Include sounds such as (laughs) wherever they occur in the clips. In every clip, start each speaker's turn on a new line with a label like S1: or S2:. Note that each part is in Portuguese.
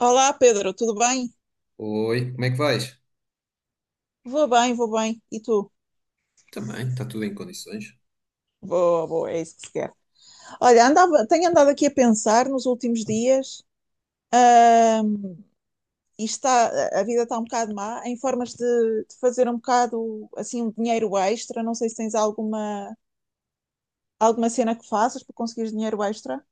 S1: Olá, Pedro, tudo bem?
S2: Oi, como é que vais?
S1: Vou bem, vou bem. E tu?
S2: Também, está tudo em condições.
S1: Boa, boa, é isso que se quer. Olha, tenho andado aqui a pensar nos últimos dias, ahm, e está, a vida está um bocado má, em formas de fazer um bocado, assim, um dinheiro extra. Não sei se tens alguma cena que faças para conseguir dinheiro extra.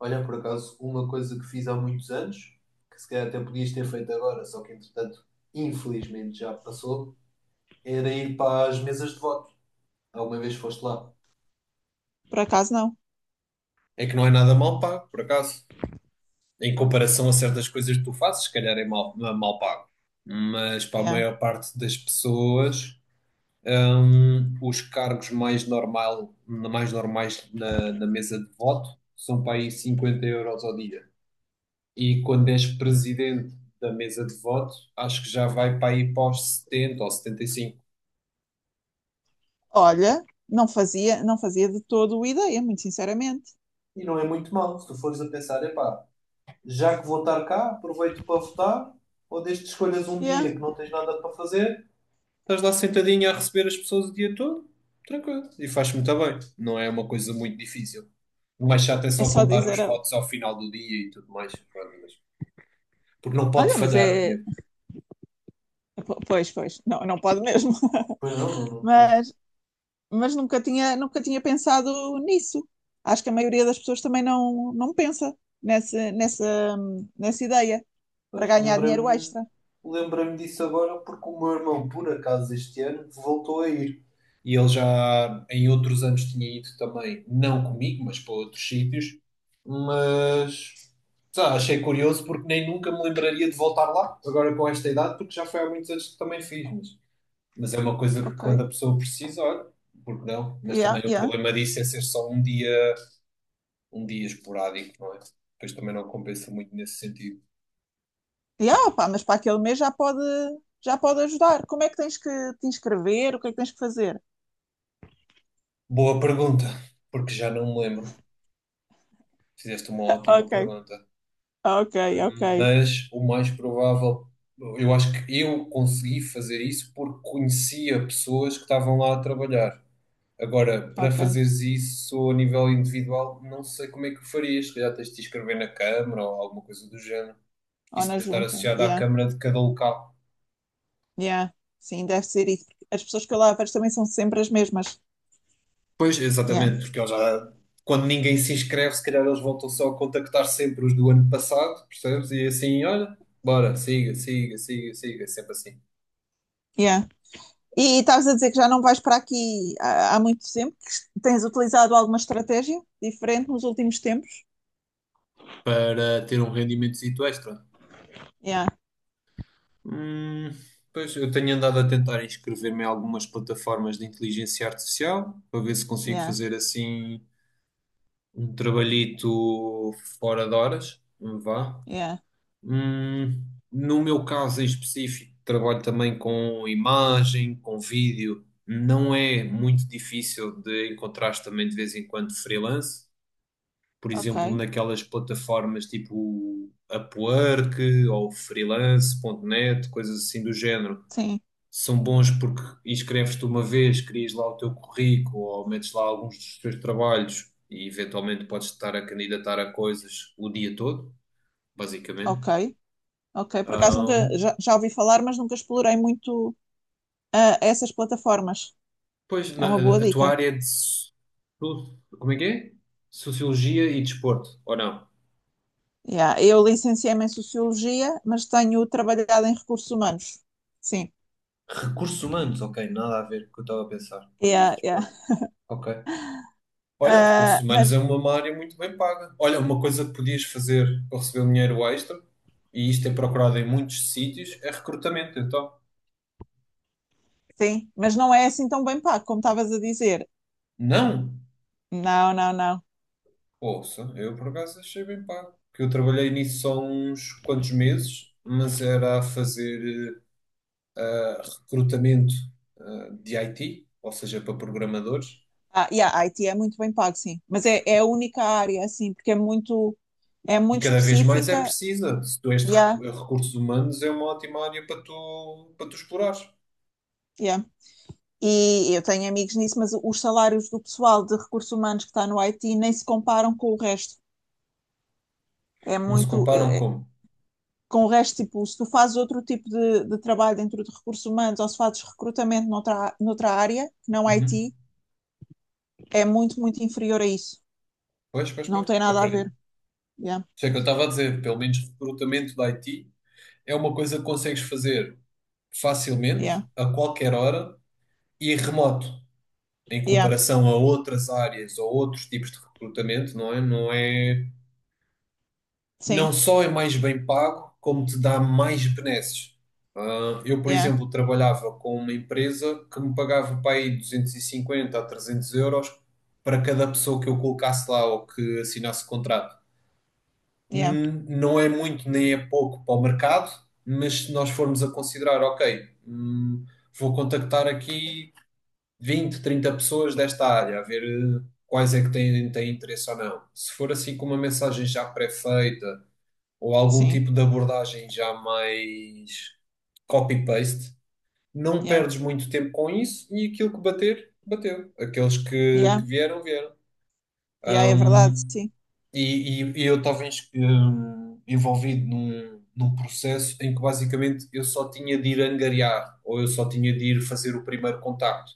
S2: Olha, por acaso, uma coisa que fiz há muitos anos, que se calhar até podias ter feito agora, só que entretanto, infelizmente já passou, era ir para as mesas de voto. Alguma vez foste lá?
S1: Por acaso, não.
S2: É que não é nada mal pago, por acaso. Em comparação a certas coisas que tu fazes, se calhar é mal, não é mal pago. Mas para a
S1: Yeah.
S2: maior parte das pessoas, os cargos mais, normal, mais normais na mesa de voto são para aí 50 euros ao dia. E quando és presidente da mesa de voto, acho que já vai para aí para os 70 ou 75,
S1: Olha, não fazia de todo ideia, muito sinceramente.
S2: e não é muito mal, se tu fores a pensar. Epá, já que vou estar cá, aproveito para votar, ou desde que escolhas um
S1: Yeah.
S2: dia que não tens nada para fazer. Estás lá sentadinho a receber as pessoas o dia todo, tranquilo. E faz muito bem. Não é uma coisa muito difícil. O mais chato é
S1: É
S2: só
S1: só
S2: contar
S1: dizer,
S2: os votos ao final do dia e tudo mais. Pronto, porque não pode
S1: olha, mas
S2: falhar
S1: é.
S2: mesmo.
S1: Pois, pois, não pode mesmo.
S2: Pois não, não,
S1: (laughs)
S2: não posso.
S1: Mas, mas nunca tinha pensado nisso. Acho que a maioria das pessoas também não pensa nessa ideia para
S2: Pois,
S1: ganhar dinheiro
S2: lembrei-me,
S1: extra.
S2: lembrei-me disso agora porque o meu irmão, por acaso, este ano voltou a ir. E ele já em outros anos tinha ido também, não comigo, mas para outros sítios. Mas sei lá, achei curioso porque nem nunca me lembraria de voltar lá, agora com esta idade, porque já foi há muitos anos que também fiz. Mas é uma coisa que
S1: Ok.
S2: quando a pessoa precisa, olha, porque não? Mas
S1: Yeah,
S2: também o
S1: yeah.
S2: problema disso é
S1: Sim.
S2: ser só um dia esporádico, não é? Depois também não compensa muito nesse sentido.
S1: Yeah, pá, mas para aquele mês já pode ajudar. Como é que tens que te inscrever? O que é que tens que fazer?
S2: Boa pergunta, porque já não me lembro. Fizeste uma ótima
S1: Ok,
S2: pergunta.
S1: ok, ok,
S2: Mas o mais provável, eu acho que eu consegui fazer isso porque conhecia pessoas que estavam lá a trabalhar. Agora, para
S1: ok.
S2: fazeres isso a nível individual, não sei como é que o farias. Se calhar tens de te inscrever na Câmara ou alguma coisa do género.
S1: Ou
S2: Isso
S1: na
S2: deve estar
S1: junta.
S2: associado à
S1: Yeah,
S2: Câmara de cada local.
S1: yeah. Sim, deve ser isso. As pessoas que eu lá vejo também são sempre as mesmas.
S2: Pois,
S1: Yeah,
S2: exatamente, porque eles já, quando ninguém se inscreve, se calhar eles voltam só a contactar sempre os do ano passado, percebes? E assim, olha, bora, siga, siga, siga, siga, é sempre assim.
S1: yeah. E estavas a dizer que já não vais para aqui há muito tempo, que tens utilizado alguma estratégia diferente nos últimos tempos?
S2: Para ter um rendimentozito extra.
S1: Yeah,
S2: Hum, pois, eu tenho andado a tentar inscrever-me em algumas plataformas de inteligência artificial, para ver se consigo
S1: yeah,
S2: fazer assim um trabalhito fora de horas, vá.
S1: yeah.
S2: Hum, no meu caso em específico, trabalho também com imagem, com vídeo. Não é muito difícil de encontrar também de vez em quando freelance. Por exemplo,
S1: Ok,
S2: naquelas plataformas tipo Upwork ou freelance ponto net, coisas assim do género.
S1: sim,
S2: São bons porque inscreves-te uma vez, crias lá o teu currículo ou metes lá alguns dos teus trabalhos, e eventualmente podes estar a candidatar a coisas o dia todo,
S1: ok,
S2: basicamente.
S1: ok. Por acaso nunca, já ouvi falar, mas nunca explorei muito essas plataformas.
S2: Pois,
S1: É uma boa
S2: a tua
S1: dica.
S2: área é como é que é? Sociologia e desporto, ou não?
S1: Yeah. Eu licenciei-me em Sociologia, mas tenho trabalhado em recursos humanos. Sim.
S2: Recursos humanos, ok, nada a ver com o que eu estava a pensar quando disse
S1: Yeah, yeah.
S2: desporto. Ok. Olha, recursos
S1: Ah,
S2: humanos é
S1: mas
S2: uma área muito bem paga. Olha, uma coisa que podias fazer para receber um dinheiro extra, e isto é procurado em muitos sítios, é recrutamento, então.
S1: sim, mas não é assim tão bem pago, como estavas a dizer.
S2: Não!
S1: Não, não, não.
S2: Ouça, eu por acaso achei bem pago. Que eu trabalhei nisso só uns quantos meses, mas era a fazer recrutamento de IT, ou seja, para programadores,
S1: Ah, yeah, a IT é muito bem pago, sim. Mas é a única área, assim, porque é muito, é
S2: e
S1: muito
S2: cada vez mais é
S1: específica.
S2: precisa. Se tu és de
S1: Yeah,
S2: recursos humanos, é uma ótima área para tu explorares.
S1: yeah. E eu tenho amigos nisso, mas os salários do pessoal de recursos humanos que está no IT nem se comparam com o resto. É
S2: Não se
S1: muito.
S2: comparam,
S1: é- é,
S2: como.
S1: com o resto, tipo, se tu fazes outro tipo de trabalho dentro de recursos humanos ou se fazes recrutamento noutra área, que não
S2: Uhum.
S1: IT, é muito, muito inferior a isso.
S2: Pois, pois,
S1: Não
S2: pois,
S1: tem nada a
S2: acredito.
S1: ver. Yeah,
S2: Isso é que eu estava a dizer: pelo menos recrutamento de IT é uma coisa que consegues fazer
S1: yeah,
S2: facilmente, a qualquer hora e remoto, em
S1: yeah.
S2: comparação a outras áreas ou outros tipos de recrutamento, não é? Não
S1: Sim,
S2: só é mais bem pago, como te dá mais benesses. Ah, eu, por
S1: yeah,
S2: exemplo, trabalhava com uma empresa que me pagava para aí 250 a 300 euros para cada pessoa que eu colocasse lá ou que assinasse contrato.
S1: yeah,
S2: Não é muito nem é pouco para o mercado, mas se nós formos a considerar, ok, vou contactar aqui 20, 30 pessoas desta área, a ver quais é que têm interesse ou não. Se for assim com uma mensagem já pré-feita, ou algum
S1: sim,
S2: tipo de abordagem já mais copy-paste, não
S1: yeah,
S2: perdes muito tempo com isso, e aquilo que bater, bateu. Aqueles que
S1: yeah.
S2: vieram, vieram.
S1: Yeah, é verdade,
S2: Hum,
S1: sim.
S2: e eu estava envolvido num processo em que basicamente eu só tinha de ir angariar, ou eu só tinha de ir fazer o primeiro contacto.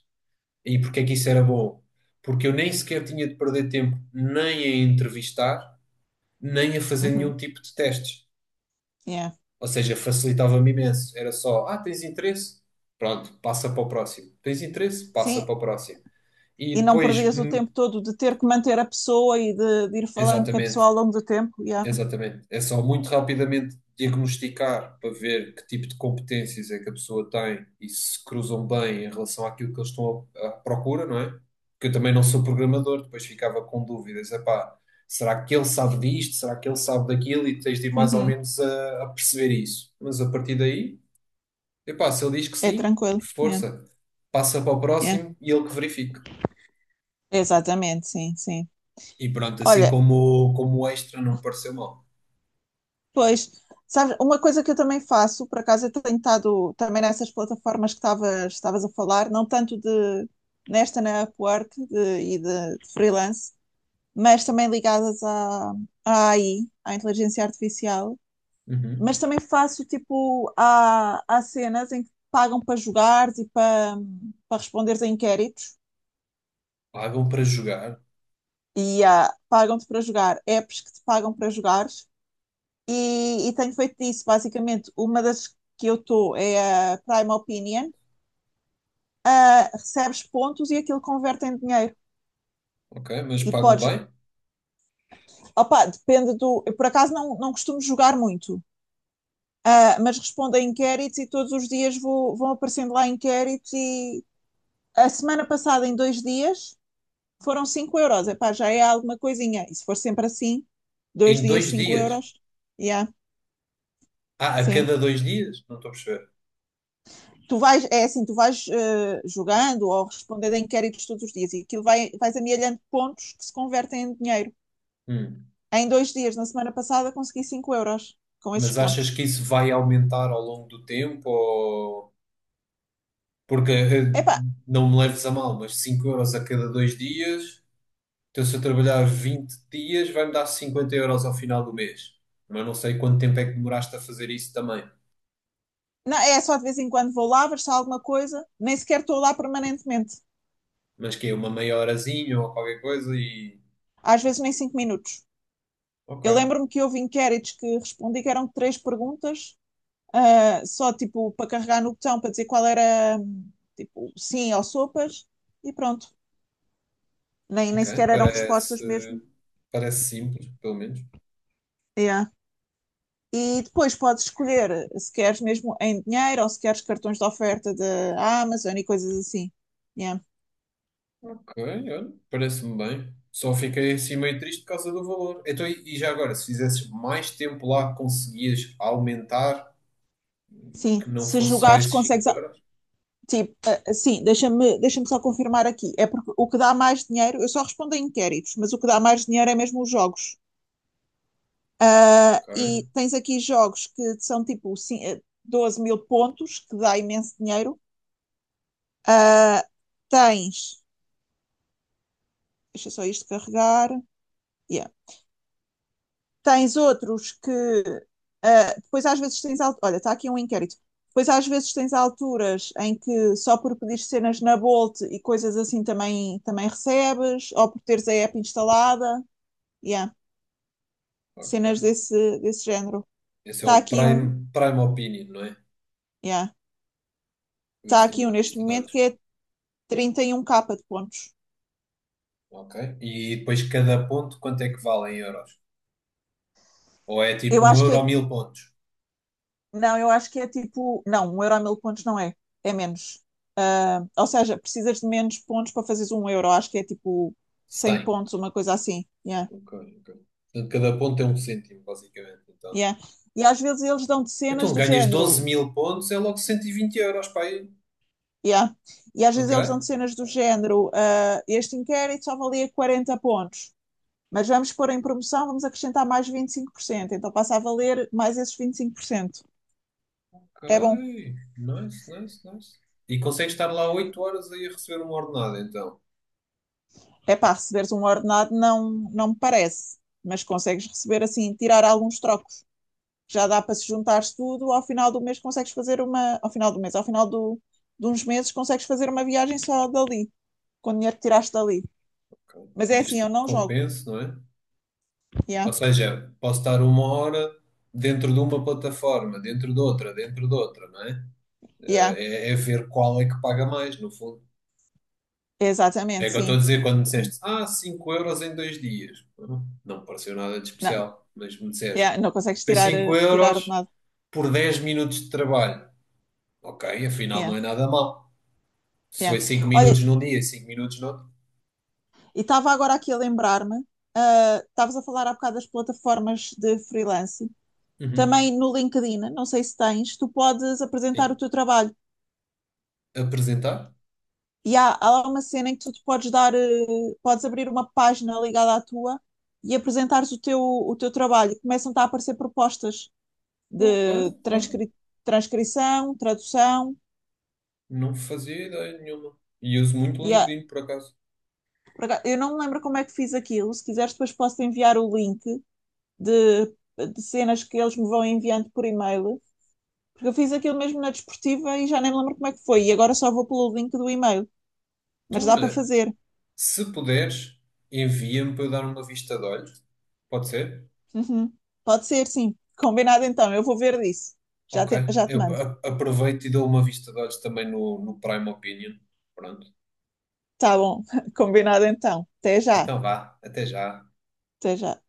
S2: E porque é que isso era bom? Porque eu nem sequer tinha de perder tempo nem a entrevistar, nem a fazer
S1: Uhum.
S2: nenhum tipo de testes.
S1: Yeah.
S2: Ou seja, facilitava-me imenso. Era só: ah, tens interesse? Pronto, passa para o próximo. Tens interesse? Passa
S1: Sim,
S2: para o próximo. E
S1: e não
S2: depois,
S1: perdes o tempo todo de ter que manter a pessoa e de ir falando com a
S2: exatamente,
S1: pessoa ao longo do tempo. Yeah.
S2: exatamente. É só muito rapidamente diagnosticar para ver que tipo de competências é que a pessoa tem, e se cruzam bem em relação àquilo que eles estão à procura, não é? Porque eu também não sou programador, depois ficava com dúvidas. Epá, será que ele sabe disto? Será que ele sabe daquilo? E tens de ir mais ou
S1: Uhum.
S2: menos a perceber isso. Mas a partir daí, epá, se ele diz que
S1: É
S2: sim,
S1: tranquilo. Yeah.
S2: força. Passa para o
S1: Yeah.
S2: próximo e ele que verifique.
S1: Exatamente, sim, sim.
S2: E pronto, assim,
S1: Olha,
S2: como o extra, não me pareceu mal.
S1: pois, sabes, uma coisa que eu também faço, por acaso eu tenho estado também nessas plataformas que estavas a falar, não tanto de nesta na Upwork e de freelance, mas também ligadas à AI, à inteligência artificial.
S2: Uhum.
S1: Mas também faço tipo, há cenas em que pagam para jogar e para responderes a inquéritos
S2: Pagam para jogar,
S1: e pagam-te para jogar apps que te pagam para jogar e tenho feito isso basicamente. Uma das que eu estou é a Prime Opinion. Ah, recebes pontos e aquilo converte em dinheiro.
S2: ok? Mas
S1: E
S2: pagam
S1: podes,
S2: bem?
S1: opa, depende do. Eu por acaso não costumo jogar muito, mas respondo a inquéritos e todos os dias vão aparecendo lá inquéritos. E a semana passada, em 2 dias, foram 5 euros. Epá, já é alguma coisinha. E se for sempre assim, dois
S2: Em
S1: dias
S2: dois
S1: 5
S2: dias.
S1: euros, yeah,
S2: Ah, a
S1: sim.
S2: cada dois dias? Não estou a perceber.
S1: É assim, tu vais jogando ou respondendo a inquéritos todos os dias e aquilo vais amealhando pontos que se convertem em dinheiro.
S2: Hum.
S1: Em 2 dias, na semana passada, consegui 5 € com esses
S2: Mas achas
S1: pontos.
S2: que isso vai aumentar ao longo do tempo? Ou... porque
S1: Epá,
S2: não me leves a mal, mas 5 euros a cada dois dias. Então, se eu trabalhar 20 dias, vai-me dar 50 euros ao final do mês. Mas não sei quanto tempo é que demoraste a fazer isso também.
S1: não, é só de vez em quando vou lá, ver se há alguma coisa, nem sequer estou lá permanentemente.
S2: Mas que é uma meia horazinha ou qualquer coisa, e.
S1: Às vezes nem 5 minutos. Eu
S2: Ok,
S1: lembro-me que houve inquéritos que respondi que eram três perguntas, só tipo para carregar no botão para dizer qual era, tipo sim ou sopas, e pronto. Nem
S2: ok.
S1: sequer eram respostas
S2: Parece,
S1: mesmo.
S2: parece simples, pelo menos.
S1: Yeah. E depois podes escolher se queres mesmo em dinheiro ou se queres cartões de oferta da Amazon e coisas assim. Yeah.
S2: Ok, olha, parece-me bem. Só fiquei assim meio triste por causa do valor. Então, e já agora, se fizesses mais tempo lá, conseguias aumentar,
S1: Sim,
S2: que não
S1: se
S2: fosse só
S1: jogares
S2: esses 5
S1: consegues.
S2: euros?
S1: Tipo, ah, sim, deixa-me só confirmar aqui. É porque o que dá mais dinheiro, eu só respondo a inquéritos, mas o que dá mais dinheiro é mesmo os jogos. Ah,
S2: Ok,
S1: e tens aqui jogos que são tipo 12 mil pontos, que dá imenso dinheiro. Ah, tens, deixa só isto carregar. Yeah. Tens outros que depois às vezes tens, olha, está aqui um inquérito. Depois às vezes tens alturas em que só por pedir cenas na Bolt e coisas assim também recebes, ou por teres a app instalada. Yeah. Cenas
S2: ok.
S1: desse género.
S2: Esse é
S1: Está
S2: o
S1: aqui um,
S2: Prime Opinion, não é?
S1: yeah.
S2: Ver
S1: Está
S2: se dou
S1: aqui um
S2: uma
S1: neste
S2: vista de
S1: momento que
S2: olhos.
S1: é 31K de pontos.
S2: Ok. E depois, cada ponto quanto é que vale em euros? Ou é tipo
S1: Eu
S2: um
S1: acho que
S2: euro
S1: é.
S2: ou mil pontos?
S1: Não, eu acho que é tipo. Não, 1 € a 1000 pontos não é. É menos. Ou seja, precisas de menos pontos para fazeres um euro. Acho que é tipo 100
S2: 100.
S1: pontos, uma coisa assim. Yeah,
S2: Ok, ok. Portanto, cada ponto é um cêntimo, basicamente. Então,
S1: yeah. E às vezes eles dão de cenas
S2: então
S1: do
S2: ganhas doze
S1: género.
S2: mil pontos, é logo 120 euros, pá, aí.
S1: Yeah. E às vezes
S2: Ok?
S1: eles dão de cenas do género, este inquérito só valia 40 pontos. Mas vamos pôr em promoção, vamos acrescentar mais 25%. Então passa a valer mais esses 25%.
S2: Ok.
S1: É bom.
S2: Nice, nice, nice. E consegues estar lá 8 horas aí a receber uma ordenada, então.
S1: É pá, receberes um ordenado não me parece, mas consegues receber assim, tirar alguns trocos. Já dá para se juntares tudo, ao final do mês consegues fazer uma, ao final do mês, ao final do, de uns meses consegues fazer uma viagem só dali, com o dinheiro que tiraste dali.
S2: Ok.
S1: Mas é assim,
S2: Desde que
S1: eu não jogo.
S2: compense, não é?
S1: Yeah,
S2: Ou seja, posso estar uma hora dentro de uma plataforma, dentro de outra, não é?
S1: yeah,
S2: É ver qual é que paga mais, no fundo. É
S1: exatamente,
S2: o que eu estou a
S1: sim.
S2: dizer quando me
S1: Sim.
S2: disseste: ah, 5 euros em dois dias. Não me pareceu nada de
S1: Não,
S2: especial, mas, me disseste,
S1: yeah, não consegues
S2: foi
S1: tirar,
S2: 5
S1: eh, tirar de
S2: euros
S1: nada.
S2: por 10 minutos de trabalho. Ok, afinal
S1: Yeah,
S2: não é nada mal. Se
S1: yeah.
S2: foi 5
S1: Olha,
S2: minutos num dia e 5 minutos no outro.
S1: e estava agora aqui a lembrar-me, estavas a falar há bocado das plataformas de freelance.
S2: Uhum.
S1: Também no LinkedIn, não sei se tens, tu podes apresentar o
S2: Sim.
S1: teu trabalho.
S2: Apresentar?
S1: E há lá uma cena em que tu te podes dar, podes abrir uma página ligada à tua e apresentares o teu trabalho. Começam-te a aparecer propostas
S2: Ok,
S1: de
S2: olha,
S1: transcrição, tradução.
S2: não fazia ideia nenhuma. E uso muito o
S1: E
S2: LinkedIn, por acaso.
S1: eu não me lembro como é que fiz aquilo. Se quiseres, depois posso enviar o link de, de cenas que eles me vão enviando por e-mail. Porque eu fiz aquilo mesmo na desportiva e já nem me lembro como é que foi. E agora só vou pelo link do e-mail. Mas
S2: Então,
S1: dá para
S2: olha,
S1: fazer.
S2: se puderes, envia-me para eu dar uma vista de olhos. Pode ser?
S1: Uhum. Pode ser, sim. Combinado então, eu vou ver disso. Já
S2: Ok,
S1: te, já te
S2: eu
S1: mando.
S2: aproveito e dou uma vista de olhos também no Prime Opinion. Pronto,
S1: Tá bom, (laughs) combinado então. Até já,
S2: então vá, até já.
S1: até já.